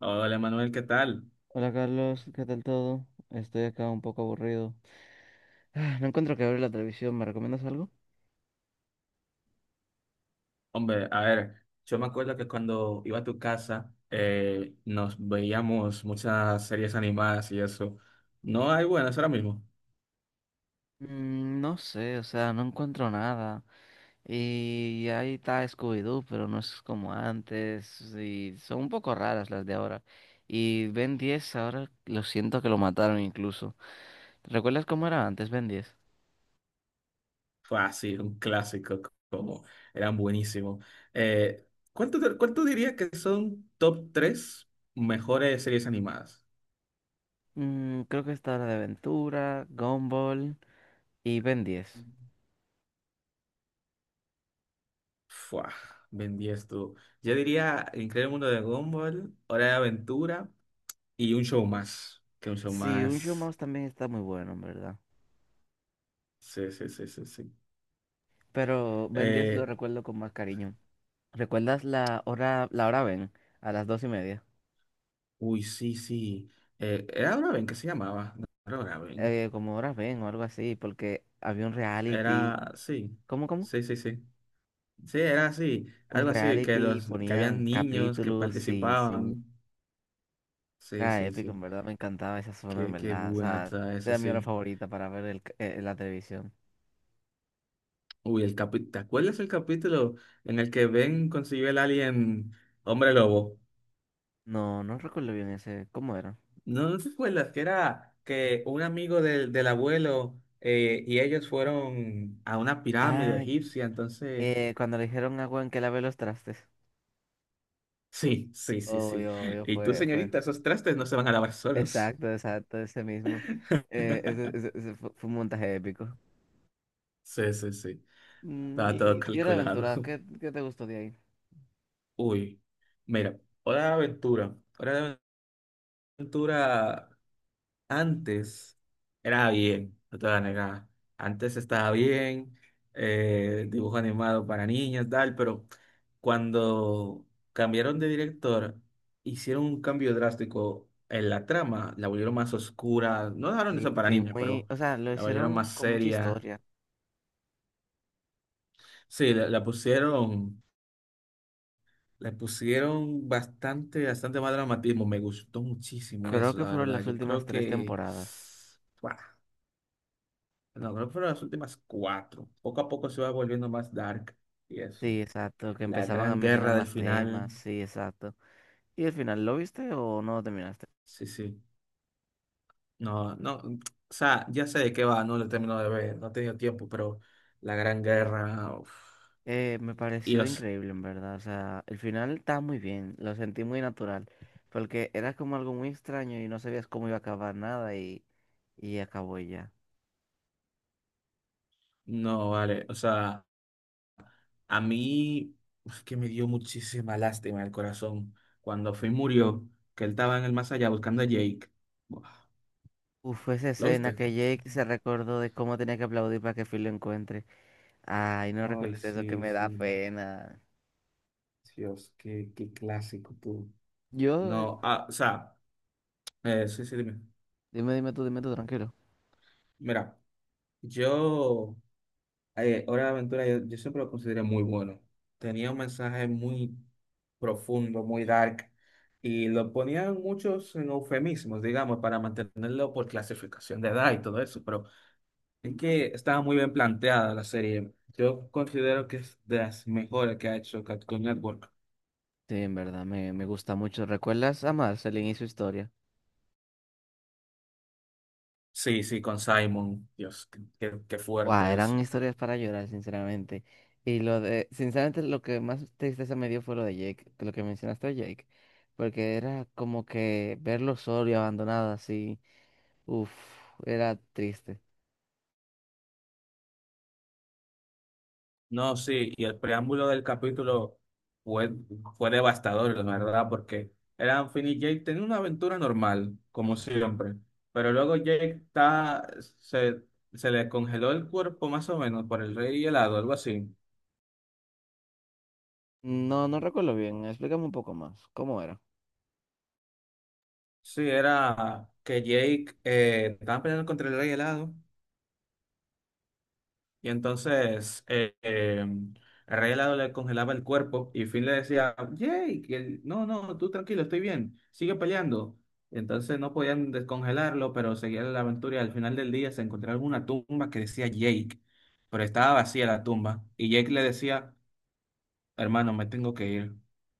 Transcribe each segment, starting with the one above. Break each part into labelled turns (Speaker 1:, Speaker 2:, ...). Speaker 1: Hola Manuel, ¿qué tal?
Speaker 2: Hola Carlos, ¿qué tal todo? Estoy acá un poco aburrido. No encuentro que abrir la televisión, ¿me recomiendas algo?
Speaker 1: Hombre, a ver, yo me acuerdo que cuando iba a tu casa nos veíamos muchas series animadas y eso. No hay buenas ahora mismo.
Speaker 2: No sé, o sea, no encuentro nada. Y ahí está Scooby-Doo, pero no es como antes. Y son un poco raras las de ahora. Y Ben 10 ahora lo siento que lo mataron incluso. ¿Recuerdas cómo era antes Ben 10?
Speaker 1: Fácil, un clásico, como eran buenísimos. Eh, cuánto dirías que son top 3 mejores series animadas?
Speaker 2: Creo que está Hora de Aventura, Gumball y Ben 10.
Speaker 1: Fua, Ben 10 tú. Yo diría El Increíble Mundo de Gumball, Hora de Aventura y un show más. Que un show
Speaker 2: Sí, un show
Speaker 1: más.
Speaker 2: más también está muy bueno, en verdad.
Speaker 1: Sí, sí, sí, sí, sí.
Speaker 2: Pero Ben 10 lo
Speaker 1: Eh,
Speaker 2: recuerdo con más cariño. ¿Recuerdas la hora Ben? A las dos y media.
Speaker 1: uy, sí, sí. Era Draven que se llamaba. No era Draven.
Speaker 2: Como hora Ben o algo así, porque había un reality.
Speaker 1: Era, sí.
Speaker 2: ¿Cómo, cómo?
Speaker 1: Sí, sí, sí. Sí, era así.
Speaker 2: Un
Speaker 1: Algo así, que
Speaker 2: reality,
Speaker 1: los, que habían
Speaker 2: ponían
Speaker 1: niños que
Speaker 2: capítulos, sí, sí.
Speaker 1: participaban. Sí,
Speaker 2: Era
Speaker 1: sí,
Speaker 2: épico, en
Speaker 1: sí.
Speaker 2: verdad, me encantaba esa zona, en
Speaker 1: Qué, qué
Speaker 2: verdad. O
Speaker 1: bueno
Speaker 2: sea,
Speaker 1: está eso,
Speaker 2: era mi hora
Speaker 1: sí.
Speaker 2: favorita para ver la televisión.
Speaker 1: Uy, el capi ¿te acuerdas el capítulo en el que Ben consiguió el alien hombre lobo?
Speaker 2: No, no recuerdo bien ese. ¿Cómo era?
Speaker 1: ¿No te acuerdas que era que un amigo del abuelo y ellos fueron a una pirámide
Speaker 2: Ah,
Speaker 1: egipcia, entonces...
Speaker 2: Cuando le dijeron a Juan que lave los trastes.
Speaker 1: Sí, sí, sí, sí.
Speaker 2: Obvio, obvio,
Speaker 1: Y tú,
Speaker 2: fue, fue.
Speaker 1: señorita, esos trastes no se van a lavar solos.
Speaker 2: Exacto, exacto, ese mismo. Fue un montaje épico.
Speaker 1: Sí, sí, sí. Estaba todo
Speaker 2: Y la
Speaker 1: calculado.
Speaker 2: aventura, ¿qué, qué te gustó de ahí?
Speaker 1: Uy, mira, hora de aventura. Hora de aventura. Antes era bien, no te voy a negar. Antes estaba bien, dibujo animado para niños, tal, pero cuando cambiaron de director, hicieron un cambio drástico en la trama, la volvieron más oscura, no dejaron eso
Speaker 2: Sí,
Speaker 1: para
Speaker 2: sí,
Speaker 1: niños,
Speaker 2: muy,
Speaker 1: pero
Speaker 2: o sea, lo
Speaker 1: la volvieron
Speaker 2: hicieron
Speaker 1: más
Speaker 2: con mucha
Speaker 1: seria.
Speaker 2: historia.
Speaker 1: Sí, la pusieron, la pusieron bastante, bastante más dramatismo, me gustó muchísimo
Speaker 2: Creo
Speaker 1: eso,
Speaker 2: que
Speaker 1: la
Speaker 2: fueron
Speaker 1: verdad.
Speaker 2: las
Speaker 1: Yo
Speaker 2: últimas
Speaker 1: creo
Speaker 2: tres
Speaker 1: que,
Speaker 2: temporadas.
Speaker 1: ¡guau! No, creo que fueron las últimas cuatro. Poco a poco se va volviendo más dark y eso.
Speaker 2: Sí, exacto, que
Speaker 1: La
Speaker 2: empezaban a
Speaker 1: gran
Speaker 2: mencionar
Speaker 1: guerra del
Speaker 2: más
Speaker 1: final.
Speaker 2: temas, sí, exacto. ¿Y el final lo viste o no lo terminaste?
Speaker 1: Sí, sí. No, no. O sea, ya sé de qué va, no lo termino de ver, no he tenido tiempo, pero la gran guerra. Uf.
Speaker 2: Me
Speaker 1: Y
Speaker 2: pareció
Speaker 1: los.
Speaker 2: increíble, en verdad. O sea, el final estaba muy bien, lo sentí muy natural, porque era como algo muy extraño y no sabías cómo iba a acabar nada y acabó y ya.
Speaker 1: No, vale. O sea, a mí es que me dio muchísima lástima en el corazón cuando Finn murió, que él estaba en el más allá buscando a Jake. Buah,
Speaker 2: Uf, esa
Speaker 1: ¿Lo
Speaker 2: escena
Speaker 1: viste?
Speaker 2: que Jake se recordó de cómo tenía que aplaudir para que Phil lo encuentre. Ay, no
Speaker 1: Ay,
Speaker 2: recuerdes eso, que
Speaker 1: sí,
Speaker 2: me da
Speaker 1: sí.
Speaker 2: pena.
Speaker 1: Dios, qué clásico tú.
Speaker 2: Yo,
Speaker 1: No, o sea, sí, sí, dime.
Speaker 2: dime, dime tú, tranquilo.
Speaker 1: Mira, yo, Hora de Aventura, yo siempre lo consideré muy bueno. Tenía un mensaje muy profundo, muy dark, y lo ponían muchos en eufemismos, digamos, para mantenerlo por clasificación de edad y todo eso, pero es que estaba muy bien planteada la serie. Yo considero que es de las mejores que ha hecho Cartoon Network.
Speaker 2: Sí, en verdad, me gusta mucho. ¿Recuerdas a Marceline y su historia?
Speaker 1: Sí, sí, con Simon. Dios, qué
Speaker 2: Guau,
Speaker 1: fuerte.
Speaker 2: eran historias para llorar, sinceramente. Y lo de, sinceramente, lo que más tristeza me dio fue lo de Jake, lo que mencionaste de Jake. Porque era como que verlo solo y abandonado así. Uf, era triste.
Speaker 1: No, sí, y el preámbulo del capítulo fue, fue devastador, la verdad, porque eran Finn y Jake tenían una aventura normal, como siempre, pero luego Jake está, se, se le congeló el cuerpo más o menos por el rey helado, algo así.
Speaker 2: No, no recuerdo bien. Explícame un poco más. ¿Cómo era?
Speaker 1: Sí, era que Jake estaba peleando contra el rey helado. Y entonces el rey helado le congelaba el cuerpo y Finn le decía, Jake, y él, no, no, tú tranquilo, estoy bien, sigue peleando. Y entonces no podían descongelarlo, pero seguía la aventura y al final del día se encontraron una tumba que decía Jake, pero estaba vacía la tumba. Y Jake le decía, hermano, me tengo que ir.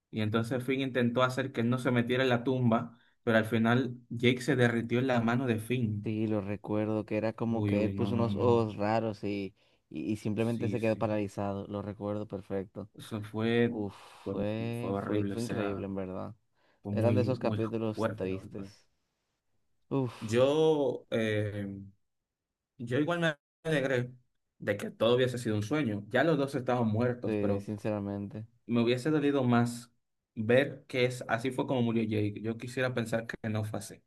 Speaker 1: Y entonces Finn intentó hacer que él no se metiera en la tumba, pero al final Jake se derritió en la mano de Finn.
Speaker 2: Sí, lo recuerdo, que era como
Speaker 1: Uy,
Speaker 2: que él
Speaker 1: uy, no,
Speaker 2: puso
Speaker 1: no,
Speaker 2: unos
Speaker 1: no.
Speaker 2: ojos raros y simplemente
Speaker 1: Sí,
Speaker 2: se quedó
Speaker 1: sí.
Speaker 2: paralizado, lo recuerdo perfecto.
Speaker 1: Eso fue,
Speaker 2: Uf,
Speaker 1: fue, fue horrible, o
Speaker 2: fue
Speaker 1: sea,
Speaker 2: increíble en verdad.
Speaker 1: fue
Speaker 2: Eran de
Speaker 1: muy,
Speaker 2: esos
Speaker 1: muy
Speaker 2: capítulos
Speaker 1: fuerte, la verdad.
Speaker 2: tristes. Uf,
Speaker 1: Yo, eh, yo igual me alegré de que todo hubiese sido un sueño. Ya los dos estaban muertos, pero
Speaker 2: sinceramente.
Speaker 1: me hubiese dolido más ver que es, así fue como murió Jake. Yo quisiera pensar que no fue así.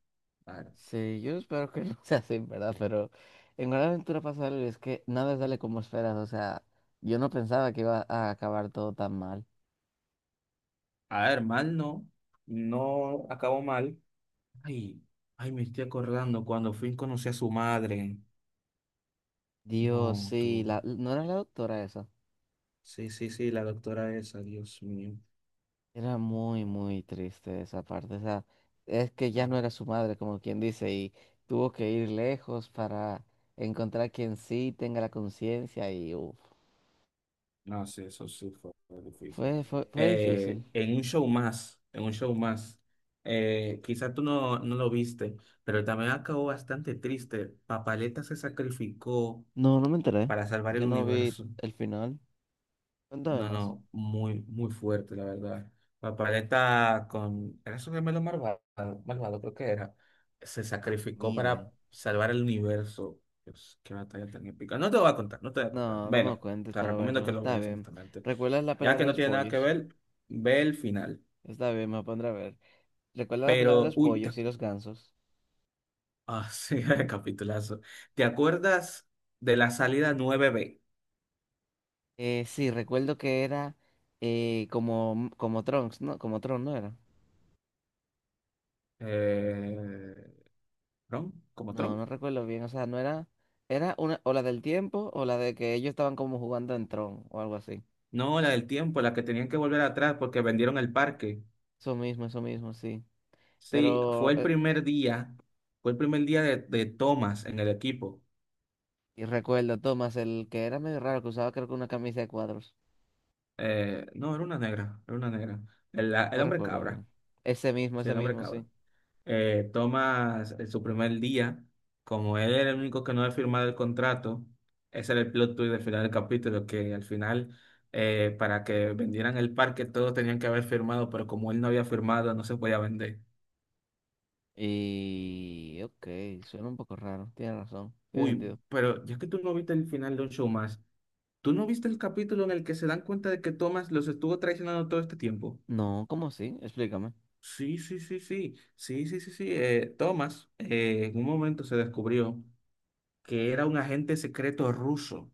Speaker 1: A ver,
Speaker 2: Sí, yo espero que no sea así, ¿en verdad? Pero en Gran Aventura pasa algo y es que nada sale como esperas, o sea, yo no pensaba que iba a acabar todo tan mal.
Speaker 1: a ver, mal no, no acabó mal. Ay, ay, me estoy acordando cuando Finn conocí a su madre.
Speaker 2: Dios,
Speaker 1: No,
Speaker 2: sí,
Speaker 1: tú.
Speaker 2: la, ¿no era la doctora esa?
Speaker 1: Sí, sí, sí, la doctora esa, Dios mío.
Speaker 2: Era muy, muy triste esa parte. O sea, es que ya no era su madre, como quien dice, y tuvo que ir lejos para encontrar quien sí tenga la conciencia y uf.
Speaker 1: No, sí, eso sí fue difícil.
Speaker 2: Fue difícil.
Speaker 1: En un show más, quizás tú no lo viste, pero también acabó bastante triste. Papaleta se sacrificó
Speaker 2: No, no me enteré.
Speaker 1: para salvar el
Speaker 2: Yo no vi
Speaker 1: universo.
Speaker 2: el final. Cuéntame
Speaker 1: No,
Speaker 2: más.
Speaker 1: no, muy, muy fuerte, la verdad. Papaleta con... Era su gemelo malvado, malvado, creo que era. Se sacrificó
Speaker 2: Ni idea.
Speaker 1: para salvar el universo. Dios, qué batalla tan épica. No te voy a contar, no te voy a contar.
Speaker 2: No, no
Speaker 1: Bueno,
Speaker 2: me cuentes
Speaker 1: te
Speaker 2: para
Speaker 1: recomiendo
Speaker 2: verlo.
Speaker 1: que lo
Speaker 2: Está
Speaker 1: veas,
Speaker 2: bien.
Speaker 1: honestamente.
Speaker 2: ¿Recuerdas la
Speaker 1: Ya
Speaker 2: pelea
Speaker 1: que
Speaker 2: de
Speaker 1: no
Speaker 2: los
Speaker 1: tiene nada que
Speaker 2: pollos?
Speaker 1: ver, ve el final.
Speaker 2: Está bien, me pondré a ver. ¿Recuerdas la pelea de
Speaker 1: Pero,
Speaker 2: los
Speaker 1: uy,
Speaker 2: pollos y los gansos?
Speaker 1: sí, capitulazo. ¿Te acuerdas de la salida 9B?
Speaker 2: Sí, recuerdo que era como, como Trunks, ¿no? Como Tron, ¿no era?
Speaker 1: Eh, ¿Tron? ¿Como
Speaker 2: No,
Speaker 1: Tron?
Speaker 2: no recuerdo bien, o sea, no era, era una, o la del tiempo, o la de que ellos estaban como jugando en Tron, o algo así.
Speaker 1: No, la del tiempo, la que tenían que volver atrás porque vendieron el parque.
Speaker 2: Eso mismo, sí.
Speaker 1: Sí,
Speaker 2: Pero,
Speaker 1: fue el primer día de Thomas en el equipo.
Speaker 2: y recuerdo, Thomas, el que era medio raro, que usaba creo que una camisa de cuadros.
Speaker 1: No, era una negra, era una negra. El
Speaker 2: No
Speaker 1: hombre
Speaker 2: recuerdo
Speaker 1: cabra,
Speaker 2: bien.
Speaker 1: sí,
Speaker 2: Ese
Speaker 1: el hombre
Speaker 2: mismo,
Speaker 1: cabra.
Speaker 2: sí.
Speaker 1: Thomas, en su primer día, como él era el único que no había firmado el contrato, ese era el plot twist del final del capítulo, que al final, para que vendieran el parque, todos tenían que haber firmado, pero como él no había firmado, no se podía vender.
Speaker 2: Y, ok, suena un poco raro, tiene razón, tiene
Speaker 1: Uy,
Speaker 2: sentido.
Speaker 1: pero ya que tú no viste el final de un show más, ¿tú no viste el capítulo en el que se dan cuenta de que Thomas los estuvo traicionando todo este tiempo?
Speaker 2: No, ¿cómo así? Explícame.
Speaker 1: Sí, sí, sí, sí, sí, sí, sí, sí. Thomas en un momento se descubrió que era un agente secreto ruso,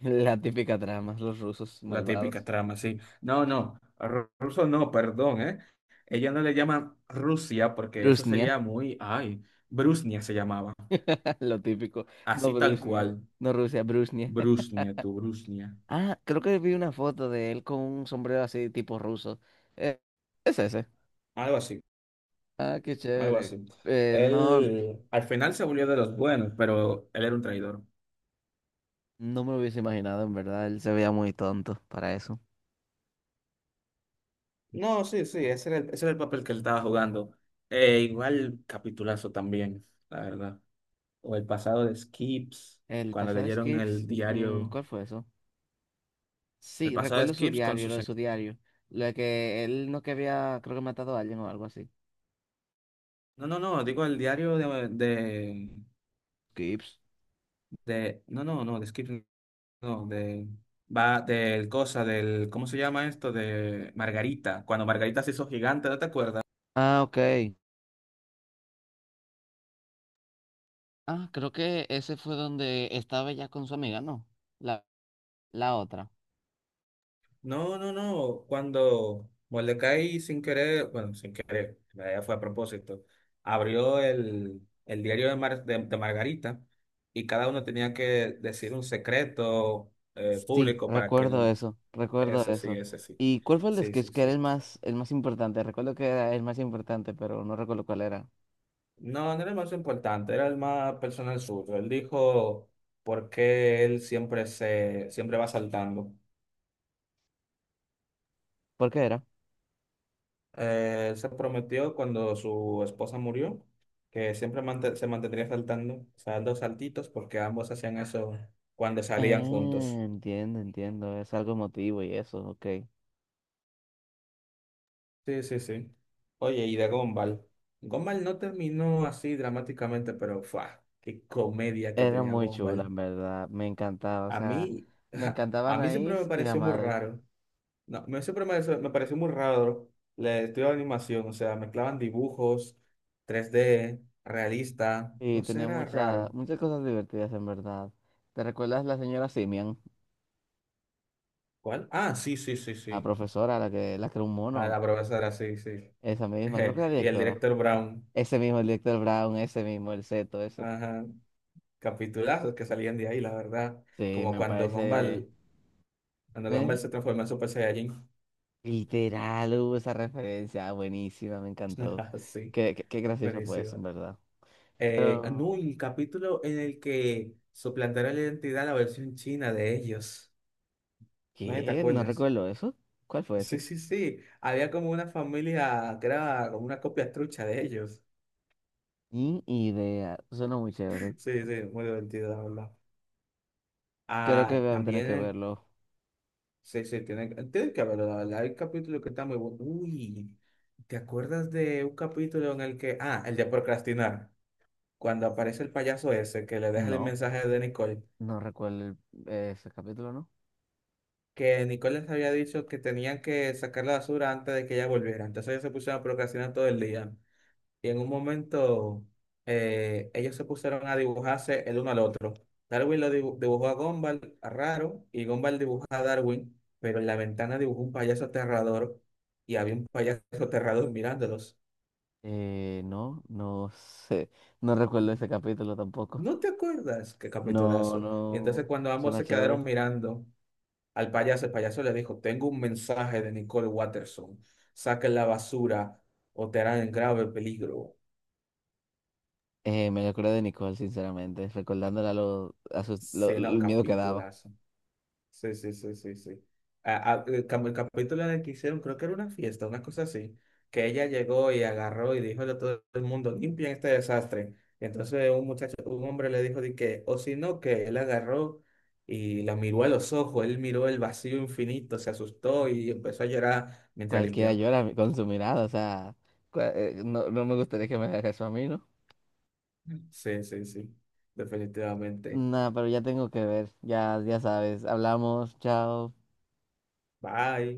Speaker 2: La típica trama, los rusos
Speaker 1: la típica
Speaker 2: malvados.
Speaker 1: trama, sí. No, no, ruso no, perdón, ¿eh? Ella no le llama Rusia porque eso
Speaker 2: Brusnia,
Speaker 1: sería muy, ay, Brusnia se llamaba,
Speaker 2: lo típico. No
Speaker 1: así tal
Speaker 2: Brusnia,
Speaker 1: cual,
Speaker 2: no Rusia, Brusnia.
Speaker 1: Brusnia, tu Brusnia,
Speaker 2: Ah, creo que vi una foto de él con un sombrero así tipo ruso. Es ese.
Speaker 1: algo así.
Speaker 2: Ah, qué
Speaker 1: Algo
Speaker 2: chévere.
Speaker 1: así.
Speaker 2: No,
Speaker 1: Él al final se volvió de los buenos, pero él era un traidor.
Speaker 2: no me lo hubiese imaginado, en verdad. Él se veía muy tonto para eso.
Speaker 1: No, sí, sí, ese era el papel que él estaba jugando. Igual capitulazo también, la verdad. O el pasado de Skips,
Speaker 2: El
Speaker 1: cuando
Speaker 2: pasado de
Speaker 1: leyeron el
Speaker 2: Skirs, mm,
Speaker 1: diario,
Speaker 2: ¿cuál fue eso?
Speaker 1: el
Speaker 2: Sí,
Speaker 1: pasado de
Speaker 2: recuerdo su
Speaker 1: Skips con
Speaker 2: diario, lo
Speaker 1: sus...
Speaker 2: de su diario. Lo de que él no que había, creo que matado a alguien o algo así.
Speaker 1: No, no, no, digo el diario
Speaker 2: Skips.
Speaker 1: no, no, no, de Skips, no, de, va, del cosa, del, ¿cómo se llama esto? De Margarita, cuando Margarita se hizo gigante, ¿no te acuerdas?
Speaker 2: Ah, ok. Ah, creo que ese fue donde estaba ya con su amiga, ¿no? La otra.
Speaker 1: No, no, no. Cuando Mordecai sin querer, bueno, sin querer, en realidad fue a propósito, abrió el diario de Margarita y cada uno tenía que decir un secreto
Speaker 2: Sí,
Speaker 1: público para que
Speaker 2: recuerdo
Speaker 1: el
Speaker 2: eso, recuerdo
Speaker 1: ese sí,
Speaker 2: eso.
Speaker 1: ese sí.
Speaker 2: ¿Y cuál fue el de
Speaker 1: Sí,
Speaker 2: Sketch
Speaker 1: sí,
Speaker 2: que era
Speaker 1: sí.
Speaker 2: el más importante? Recuerdo que era el más importante, pero no recuerdo cuál era.
Speaker 1: No, no era el más importante, era el más personal suyo. Él dijo por qué él siempre va saltando.
Speaker 2: ¿Por qué era?
Speaker 1: Él se prometió cuando su esposa murió que se mantendría saltando, o sea, dos saltitos, porque ambos hacían eso cuando salían juntos.
Speaker 2: Ah, entiendo, entiendo. Es algo emotivo y eso, ok.
Speaker 1: Sí, sí, sí. Oye, y de Gumball. Gumball no terminó así dramáticamente, pero ¡fua! ¡Qué comedia que
Speaker 2: Era
Speaker 1: tenía
Speaker 2: muy chula,
Speaker 1: Gumball!
Speaker 2: en verdad. Me encantaba. O
Speaker 1: A
Speaker 2: sea,
Speaker 1: mí,
Speaker 2: me encantaba
Speaker 1: a mí siempre me
Speaker 2: Anaís y la
Speaker 1: pareció muy
Speaker 2: madre.
Speaker 1: raro. No, siempre me pareció muy raro el estudio de animación, o sea, mezclaban dibujos, 3D realista,
Speaker 2: Y
Speaker 1: no sé,
Speaker 2: tenía
Speaker 1: era
Speaker 2: muchas,
Speaker 1: raro.
Speaker 2: muchas cosas divertidas, en verdad. ¿Te recuerdas la señora Simian?
Speaker 1: ¿Cuál? Ah, sí, sí, sí,
Speaker 2: La
Speaker 1: sí.
Speaker 2: profesora, la que era un mono.
Speaker 1: Ah, la profesora, sí, sí.
Speaker 2: Esa misma, creo que era
Speaker 1: Y el
Speaker 2: directora.
Speaker 1: director Brown.
Speaker 2: Ese mismo, el director Brown, ese mismo, el Seto, ese.
Speaker 1: Ajá. Capitulazos que salían de ahí, la verdad.
Speaker 2: Sí,
Speaker 1: Como
Speaker 2: me
Speaker 1: cuando
Speaker 2: parece
Speaker 1: Gumball, cuando Gumball
Speaker 2: me-
Speaker 1: se transformó en Super Saiyajin.
Speaker 2: literal, hubo esa referencia, buenísima, me encantó.
Speaker 1: Sí,
Speaker 2: Qué gracioso fue eso, en
Speaker 1: buenísimo.
Speaker 2: verdad. Pero,
Speaker 1: No, y el capítulo en el que suplantaron la identidad a la versión china de ellos. ¿No te
Speaker 2: ¿qué? No
Speaker 1: acuerdas?
Speaker 2: recuerdo eso. ¿Cuál fue
Speaker 1: Sí,
Speaker 2: ese?
Speaker 1: sí, sí. Había como una familia que era como una copia trucha de ellos.
Speaker 2: Ni idea, suena muy chévere.
Speaker 1: Sí, sí, muy divertido, la verdad.
Speaker 2: Creo que
Speaker 1: Ah,
Speaker 2: voy a tener
Speaker 1: también
Speaker 2: que
Speaker 1: el.
Speaker 2: verlo.
Speaker 1: Sí, sí, tiene que haberlo, la verdad. Hay capítulos que están muy buenos. Uy, ¿te acuerdas de un capítulo en el que... Ah, el de procrastinar. Cuando aparece el payaso ese que le deja el
Speaker 2: No,
Speaker 1: mensaje de Nicole.
Speaker 2: no recuerdo el- Ese capítulo, ¿no?
Speaker 1: Que Nicole les había dicho que tenían que sacar la basura antes de que ella volviera. Entonces ellos se pusieron a procrastinar todo el día. Y en un momento ellos se pusieron a dibujarse el uno al otro. Darwin lo dibujó a Gumball, a Raro, y Gumball dibujó a Darwin, pero en la ventana dibujó un payaso aterrador y había un payaso aterrador mirándolos.
Speaker 2: No sé. No recuerdo ese capítulo tampoco.
Speaker 1: ¿No te acuerdas? Qué
Speaker 2: No,
Speaker 1: capitulazo. Y entonces
Speaker 2: no,
Speaker 1: cuando ambos
Speaker 2: suena
Speaker 1: se
Speaker 2: chévere.
Speaker 1: quedaron mirando al payaso, el payaso le dijo, tengo un mensaje de Nicole Watterson. Saquen la basura o te harán en grave peligro.
Speaker 2: Me acuerdo de Nicole, sinceramente, recordándole a, lo- a sus- lo-
Speaker 1: Sí, no,
Speaker 2: el miedo que daba.
Speaker 1: capitulazo. Sí, sí, sí, sí, sí. Como el capítulo en el que hicieron, creo que era una fiesta, una cosa así, que ella llegó y agarró y dijo a todo el mundo, limpien este desastre. Y entonces un muchacho, un hombre le dijo de que, o si no, que él agarró y la miró a los ojos, él miró el vacío infinito, se asustó y empezó a llorar mientras
Speaker 2: Cualquiera
Speaker 1: limpiaba.
Speaker 2: llora con su mirada, o sea, no, no me gustaría que me haga eso a mí, ¿no?
Speaker 1: Sí, sí, sí, definitivamente.
Speaker 2: Nada, pero ya tengo que ver, ya, ya sabes, hablamos, chao.
Speaker 1: Bye.